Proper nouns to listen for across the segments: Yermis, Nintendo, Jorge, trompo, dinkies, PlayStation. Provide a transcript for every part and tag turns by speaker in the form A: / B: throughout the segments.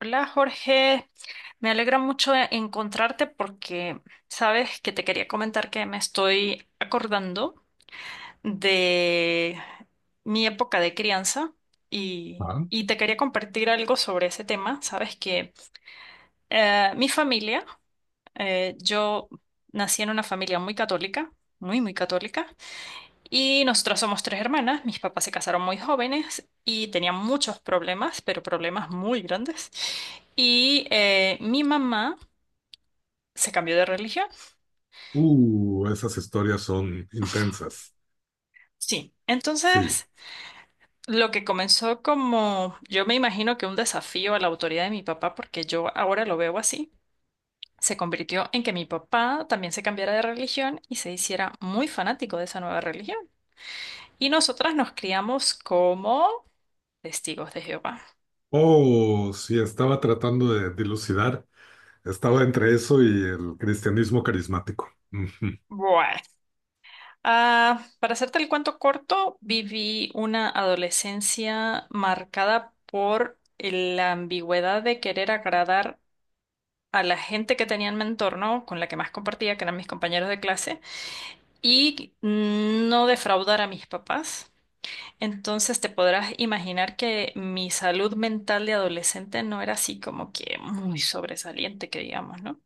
A: Hola Jorge, me alegra mucho encontrarte porque sabes que te quería comentar que me estoy acordando de mi época de crianza y,
B: Ah,
A: y te quería compartir algo sobre ese tema. Sabes que mi familia, yo nací en una familia muy católica, muy, muy católica. Y nosotras somos tres hermanas, mis papás se casaron muy jóvenes y tenían muchos problemas, pero problemas muy grandes. Y mi mamá se cambió de religión.
B: esas historias son intensas.
A: Sí,
B: Sí.
A: entonces lo que comenzó como, yo me imagino que un desafío a la autoridad de mi papá, porque yo ahora lo veo así, se convirtió en que mi papá también se cambiara de religión y se hiciera muy fanático de esa nueva religión. Y nosotras nos criamos como testigos de Jehová.
B: Oh, sí, estaba tratando de dilucidar. Estaba entre eso y el cristianismo carismático. Ujú.
A: Bueno. Ah, para hacerte el cuento corto, viví una adolescencia marcada por la ambigüedad de querer agradar a la gente que tenía en mi entorno, con la que más compartía, que eran mis compañeros de clase, y no defraudar a mis papás. Entonces te podrás imaginar que mi salud mental de adolescente no era así como que muy sobresaliente, que digamos, ¿no?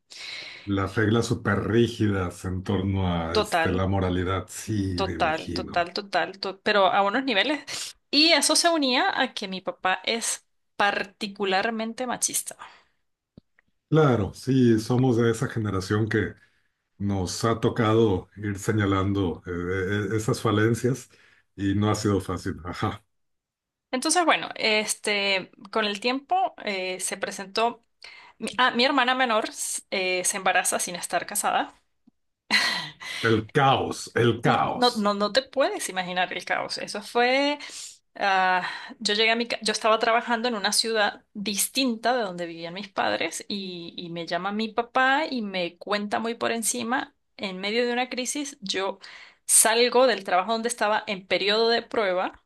B: Las reglas súper rígidas en torno a
A: Total.
B: la moralidad. Sí, me
A: Total,
B: imagino.
A: total, total, pero a unos niveles. Y eso se unía a que mi papá es particularmente machista.
B: Claro, sí, somos de esa generación que nos ha tocado ir señalando esas falencias y no ha sido fácil. Ajá.
A: Entonces, bueno, este, con el tiempo se presentó, mi hermana menor se embaraza sin estar casada.
B: El caos, el
A: No,
B: caos.
A: no, no, no te puedes imaginar el caos. Eso fue, ah, yo llegué a yo estaba trabajando en una ciudad distinta de donde vivían mis padres y me llama mi papá y me cuenta muy por encima, en medio de una crisis, yo salgo del trabajo donde estaba en periodo de prueba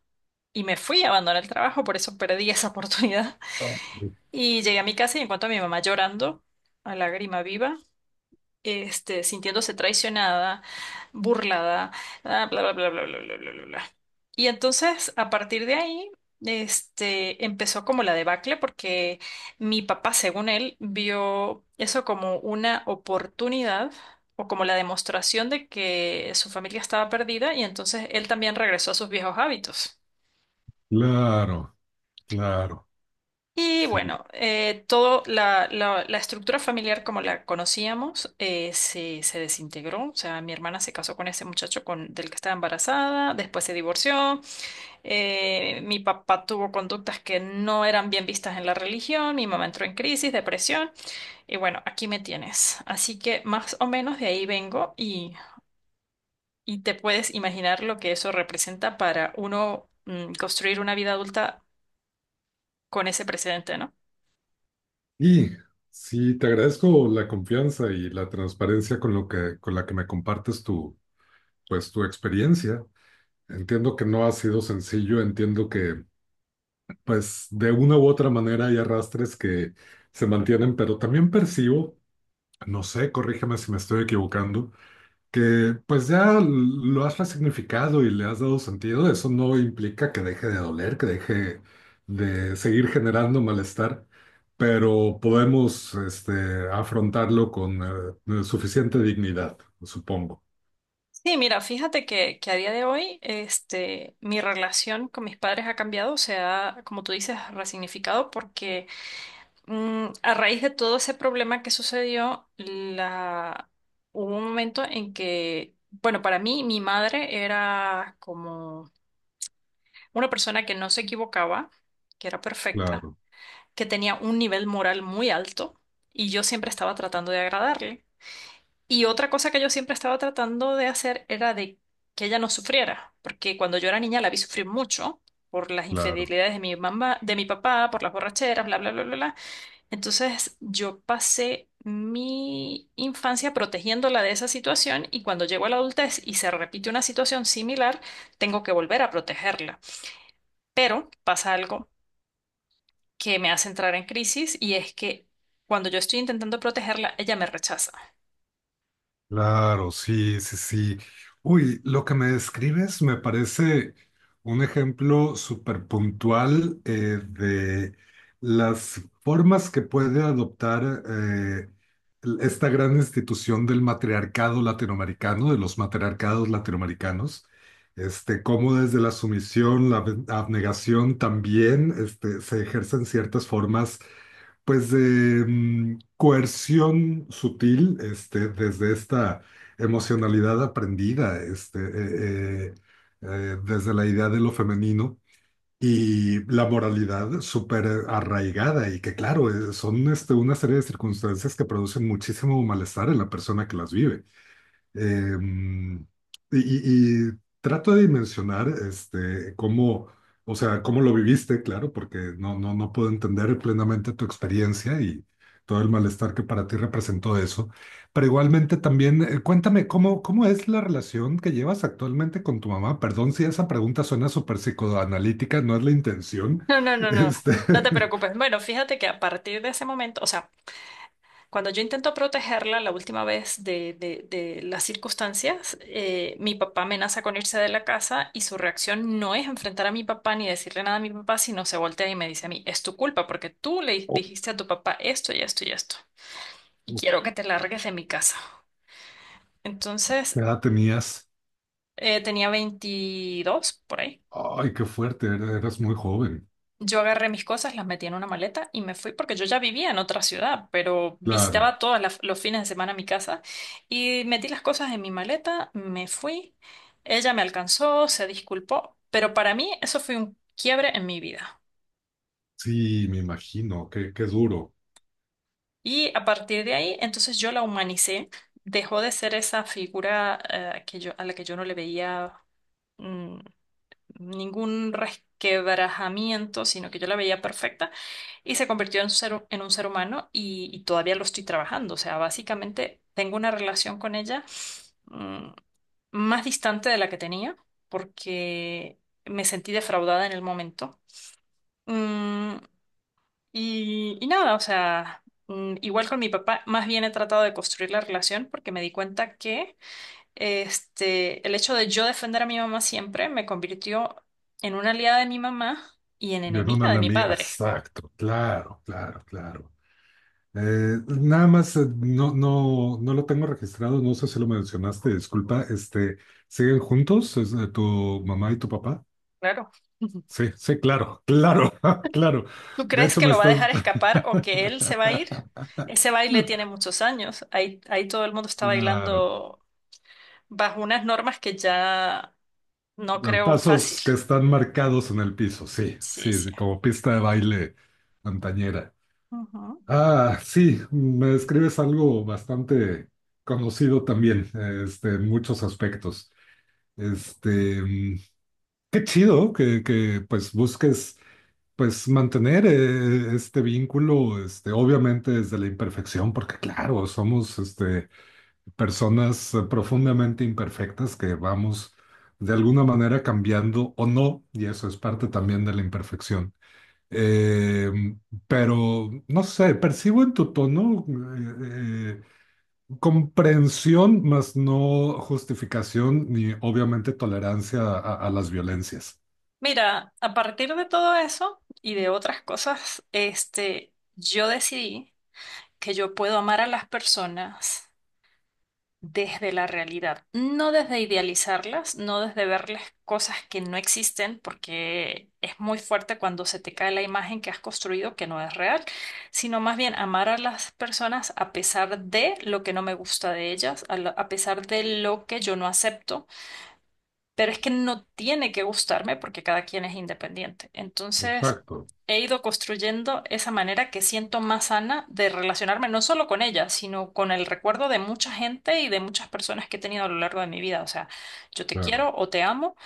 A: y me fui a abandonar el trabajo, por eso perdí esa oportunidad.
B: Oh.
A: Y llegué a mi casa y encuentro a mi mamá llorando a lágrima viva, este, sintiéndose traicionada, burlada, bla, bla, bla, bla, bla, bla, bla, bla, bla. Y entonces, a partir de ahí, este, empezó como la debacle porque mi papá, según él, vio eso como una oportunidad o como la demostración de que su familia estaba perdida y entonces él también regresó a sus viejos hábitos.
B: Claro. Claro,
A: Y
B: sí.
A: bueno, todo la, la estructura familiar como la conocíamos se desintegró. O sea, mi hermana se casó con ese muchacho del que estaba embarazada, después se divorció. Eh, mi papá tuvo conductas que no eran bien vistas en la religión. Mi mamá entró en crisis, depresión. Y bueno, aquí me tienes. Así que más o menos de ahí vengo, y te puedes imaginar lo que eso representa para uno, construir una vida adulta con ese precedente, ¿no?
B: Y sí, te agradezco la confianza y la transparencia con con la que me compartes pues, tu experiencia. Entiendo que no ha sido sencillo, entiendo que, pues, de una u otra manera hay arrastres que se mantienen, pero también percibo, no sé, corrígeme si me estoy equivocando, que pues ya lo has resignificado y le has dado sentido. Eso no implica que deje de doler, que deje de seguir generando malestar, pero podemos afrontarlo con suficiente dignidad, supongo.
A: Sí, mira, fíjate que a día de hoy, este, mi relación con mis padres ha cambiado, se ha, como tú dices, resignificado porque a raíz de todo ese problema que sucedió. Hubo un momento en que, bueno, para mí, mi madre era como una persona que no se equivocaba, que era perfecta,
B: Claro,
A: que tenía un nivel moral muy alto y yo siempre estaba tratando de agradarle. Y otra cosa que yo siempre estaba tratando de hacer era de que ella no sufriera, porque cuando yo era niña la vi sufrir mucho por las
B: claro.
A: infidelidades de mi mamá, de mi papá, por las borracheras, bla, bla, bla, bla, bla. Entonces yo pasé mi infancia protegiéndola de esa situación y cuando llego a la adultez y se repite una situación similar, tengo que volver a protegerla. Pero pasa algo que me hace entrar en crisis y es que cuando yo estoy intentando protegerla, ella me rechaza.
B: Claro, sí, sí, sí. Uy, lo que me describes me parece un ejemplo súper puntual de las formas que puede adoptar esta gran institución del matriarcado latinoamericano, de los matriarcados latinoamericanos, este, cómo desde la sumisión, abnegación también este, se ejercen ciertas formas pues de coerción sutil, este, desde esta emocionalidad aprendida, desde la idea de lo femenino y la moralidad súper arraigada, y que claro, son este, una serie de circunstancias que producen muchísimo malestar en la persona que las vive. Eh, y, y- Trato de dimensionar este, o sea, cómo lo viviste, claro, porque no puedo entender plenamente tu experiencia y todo el malestar que para ti representó eso. Pero igualmente también, cuéntame, cómo es la relación que llevas actualmente con tu mamá? Perdón si esa pregunta suena súper psicoanalítica, no es la intención.
A: No, no, no, no,
B: Este,
A: no te preocupes. Bueno, fíjate que a partir de ese momento, o sea, cuando yo intento protegerla la última vez de, de las circunstancias, mi papá amenaza con irse de la casa y su reacción no es enfrentar a mi papá ni decirle nada a mi papá, sino se voltea y me dice a mí, es tu culpa porque tú le dijiste a tu papá esto y esto y esto, y quiero que te largues de mi casa.
B: ¿qué
A: Entonces,
B: edad tenías?
A: tenía 22 por ahí.
B: Ay, qué fuerte, eras muy joven.
A: Yo agarré mis cosas, las metí en una maleta y me fui porque yo ya vivía en otra ciudad, pero
B: Claro.
A: visitaba todos los fines de semana mi casa y metí las cosas en mi maleta, me fui, ella me alcanzó, se disculpó, pero para mí eso fue un quiebre en mi vida.
B: Sí, me imagino, qué duro.
A: Y a partir de ahí, entonces yo la humanicé, dejó de ser esa figura, a la que yo no le veía mm, ningún resquebrajamiento, sino que yo la veía perfecta y se convirtió en un ser, en un ser humano, y todavía lo estoy trabajando. O sea, básicamente tengo una relación con ella mm, más distante de la que tenía porque me sentí defraudada en el momento. Mm, y nada, o sea, igual con mi papá, más bien he tratado de construir la relación porque me di cuenta que este, el hecho de yo defender a mi mamá siempre me convirtió en una aliada de mi mamá y en
B: Yo no una
A: enemiga de mi
B: amiga,
A: padre.
B: exacto, claro, claro, claro. Nada más, no lo tengo registrado, no sé si lo mencionaste, disculpa, este, ¿siguen juntos? Es, ¿tu mamá y tu papá?
A: Claro.
B: Sí, sí, claro, claro, claro.
A: ¿Tú
B: De
A: crees
B: hecho,
A: que
B: me
A: lo va a
B: estás...
A: dejar escapar o que él se va a ir? Ese baile tiene muchos años. Ahí, todo el mundo está
B: Claro.
A: bailando bajo unas normas que ya no creo fácil.
B: Pasos que están marcados en el piso, sí,
A: Sí,
B: sí,
A: sí.
B: sí, como pista de baile antañera.
A: Ujú.
B: Ah, sí, me describes algo bastante conocido también, este, en muchos aspectos. Este, mm, qué chido pues busques pues mantener este vínculo, este, obviamente desde la imperfección, porque claro, somos este, personas profundamente imperfectas que vamos de alguna manera cambiando o no, y eso es parte también de la imperfección. Eh, pero, no sé, percibo en tu tono comprensión, más no justificación ni obviamente tolerancia a las violencias.
A: Mira, a partir de todo eso y de otras cosas, este, yo decidí que yo puedo amar a las personas desde la realidad, no desde idealizarlas, no desde verles cosas que no existen, porque es muy fuerte cuando se te cae la imagen que has construido que no es real, sino más bien amar a las personas a pesar de lo que no me gusta de ellas, a pesar de lo que yo no acepto, pero es que no tiene que gustarme porque cada quien es independiente. Entonces,
B: Exacto,
A: he ido construyendo esa manera que siento más sana de relacionarme no solo con ella, sino con el recuerdo de mucha gente y de muchas personas que he tenido a lo largo de mi vida. O sea, yo te
B: claro.
A: quiero o te amo,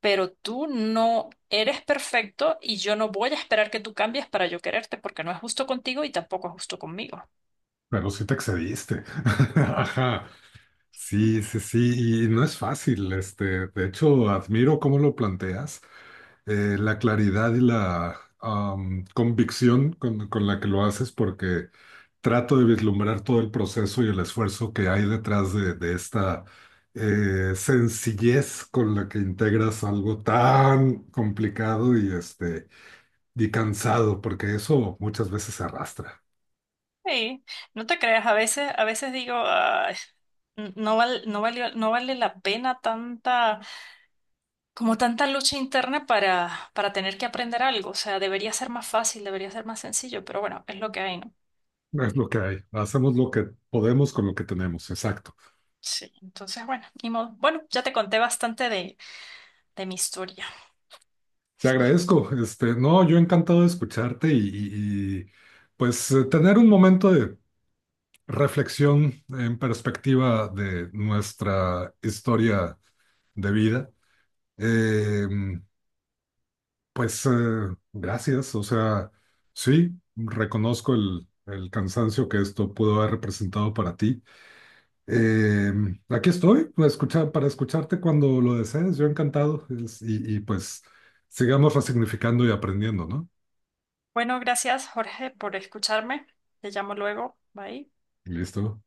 A: pero tú no eres perfecto y yo no voy a esperar que tú cambies para yo quererte porque no es justo contigo y tampoco es justo conmigo.
B: Pero sí te excediste. Ajá. Sí, sí, sí. Y no es fácil, este. De hecho, admiro cómo lo planteas. La claridad y la convicción con la que lo haces, porque trato de vislumbrar todo el proceso y el esfuerzo que hay de esta sencillez con la que integras algo tan complicado y, este, y cansado, porque eso muchas veces se arrastra.
A: Sí, no te creas, a veces digo, "Ay, no vale la pena tanta, como tanta lucha interna para tener que aprender algo. O sea, debería ser más fácil, debería ser más sencillo, pero bueno, es lo que hay, ¿no?
B: Es lo que hay. Hacemos lo que podemos con lo que tenemos. Exacto.
A: Sí, entonces, bueno, ni modo. Bueno, ya te conté bastante de mi historia.
B: Te agradezco. Este, no, yo encantado de escucharte pues tener un momento de reflexión en perspectiva de nuestra historia de vida. Eh, pues gracias, o sea, sí, reconozco el cansancio que esto pudo haber representado para ti. Eh, aquí estoy para, escuchar, para escucharte cuando lo desees, yo encantado. Y pues sigamos resignificando y aprendiendo, ¿no?
A: Bueno, gracias, Jorge, por escucharme. Te llamo luego. Bye.
B: Listo.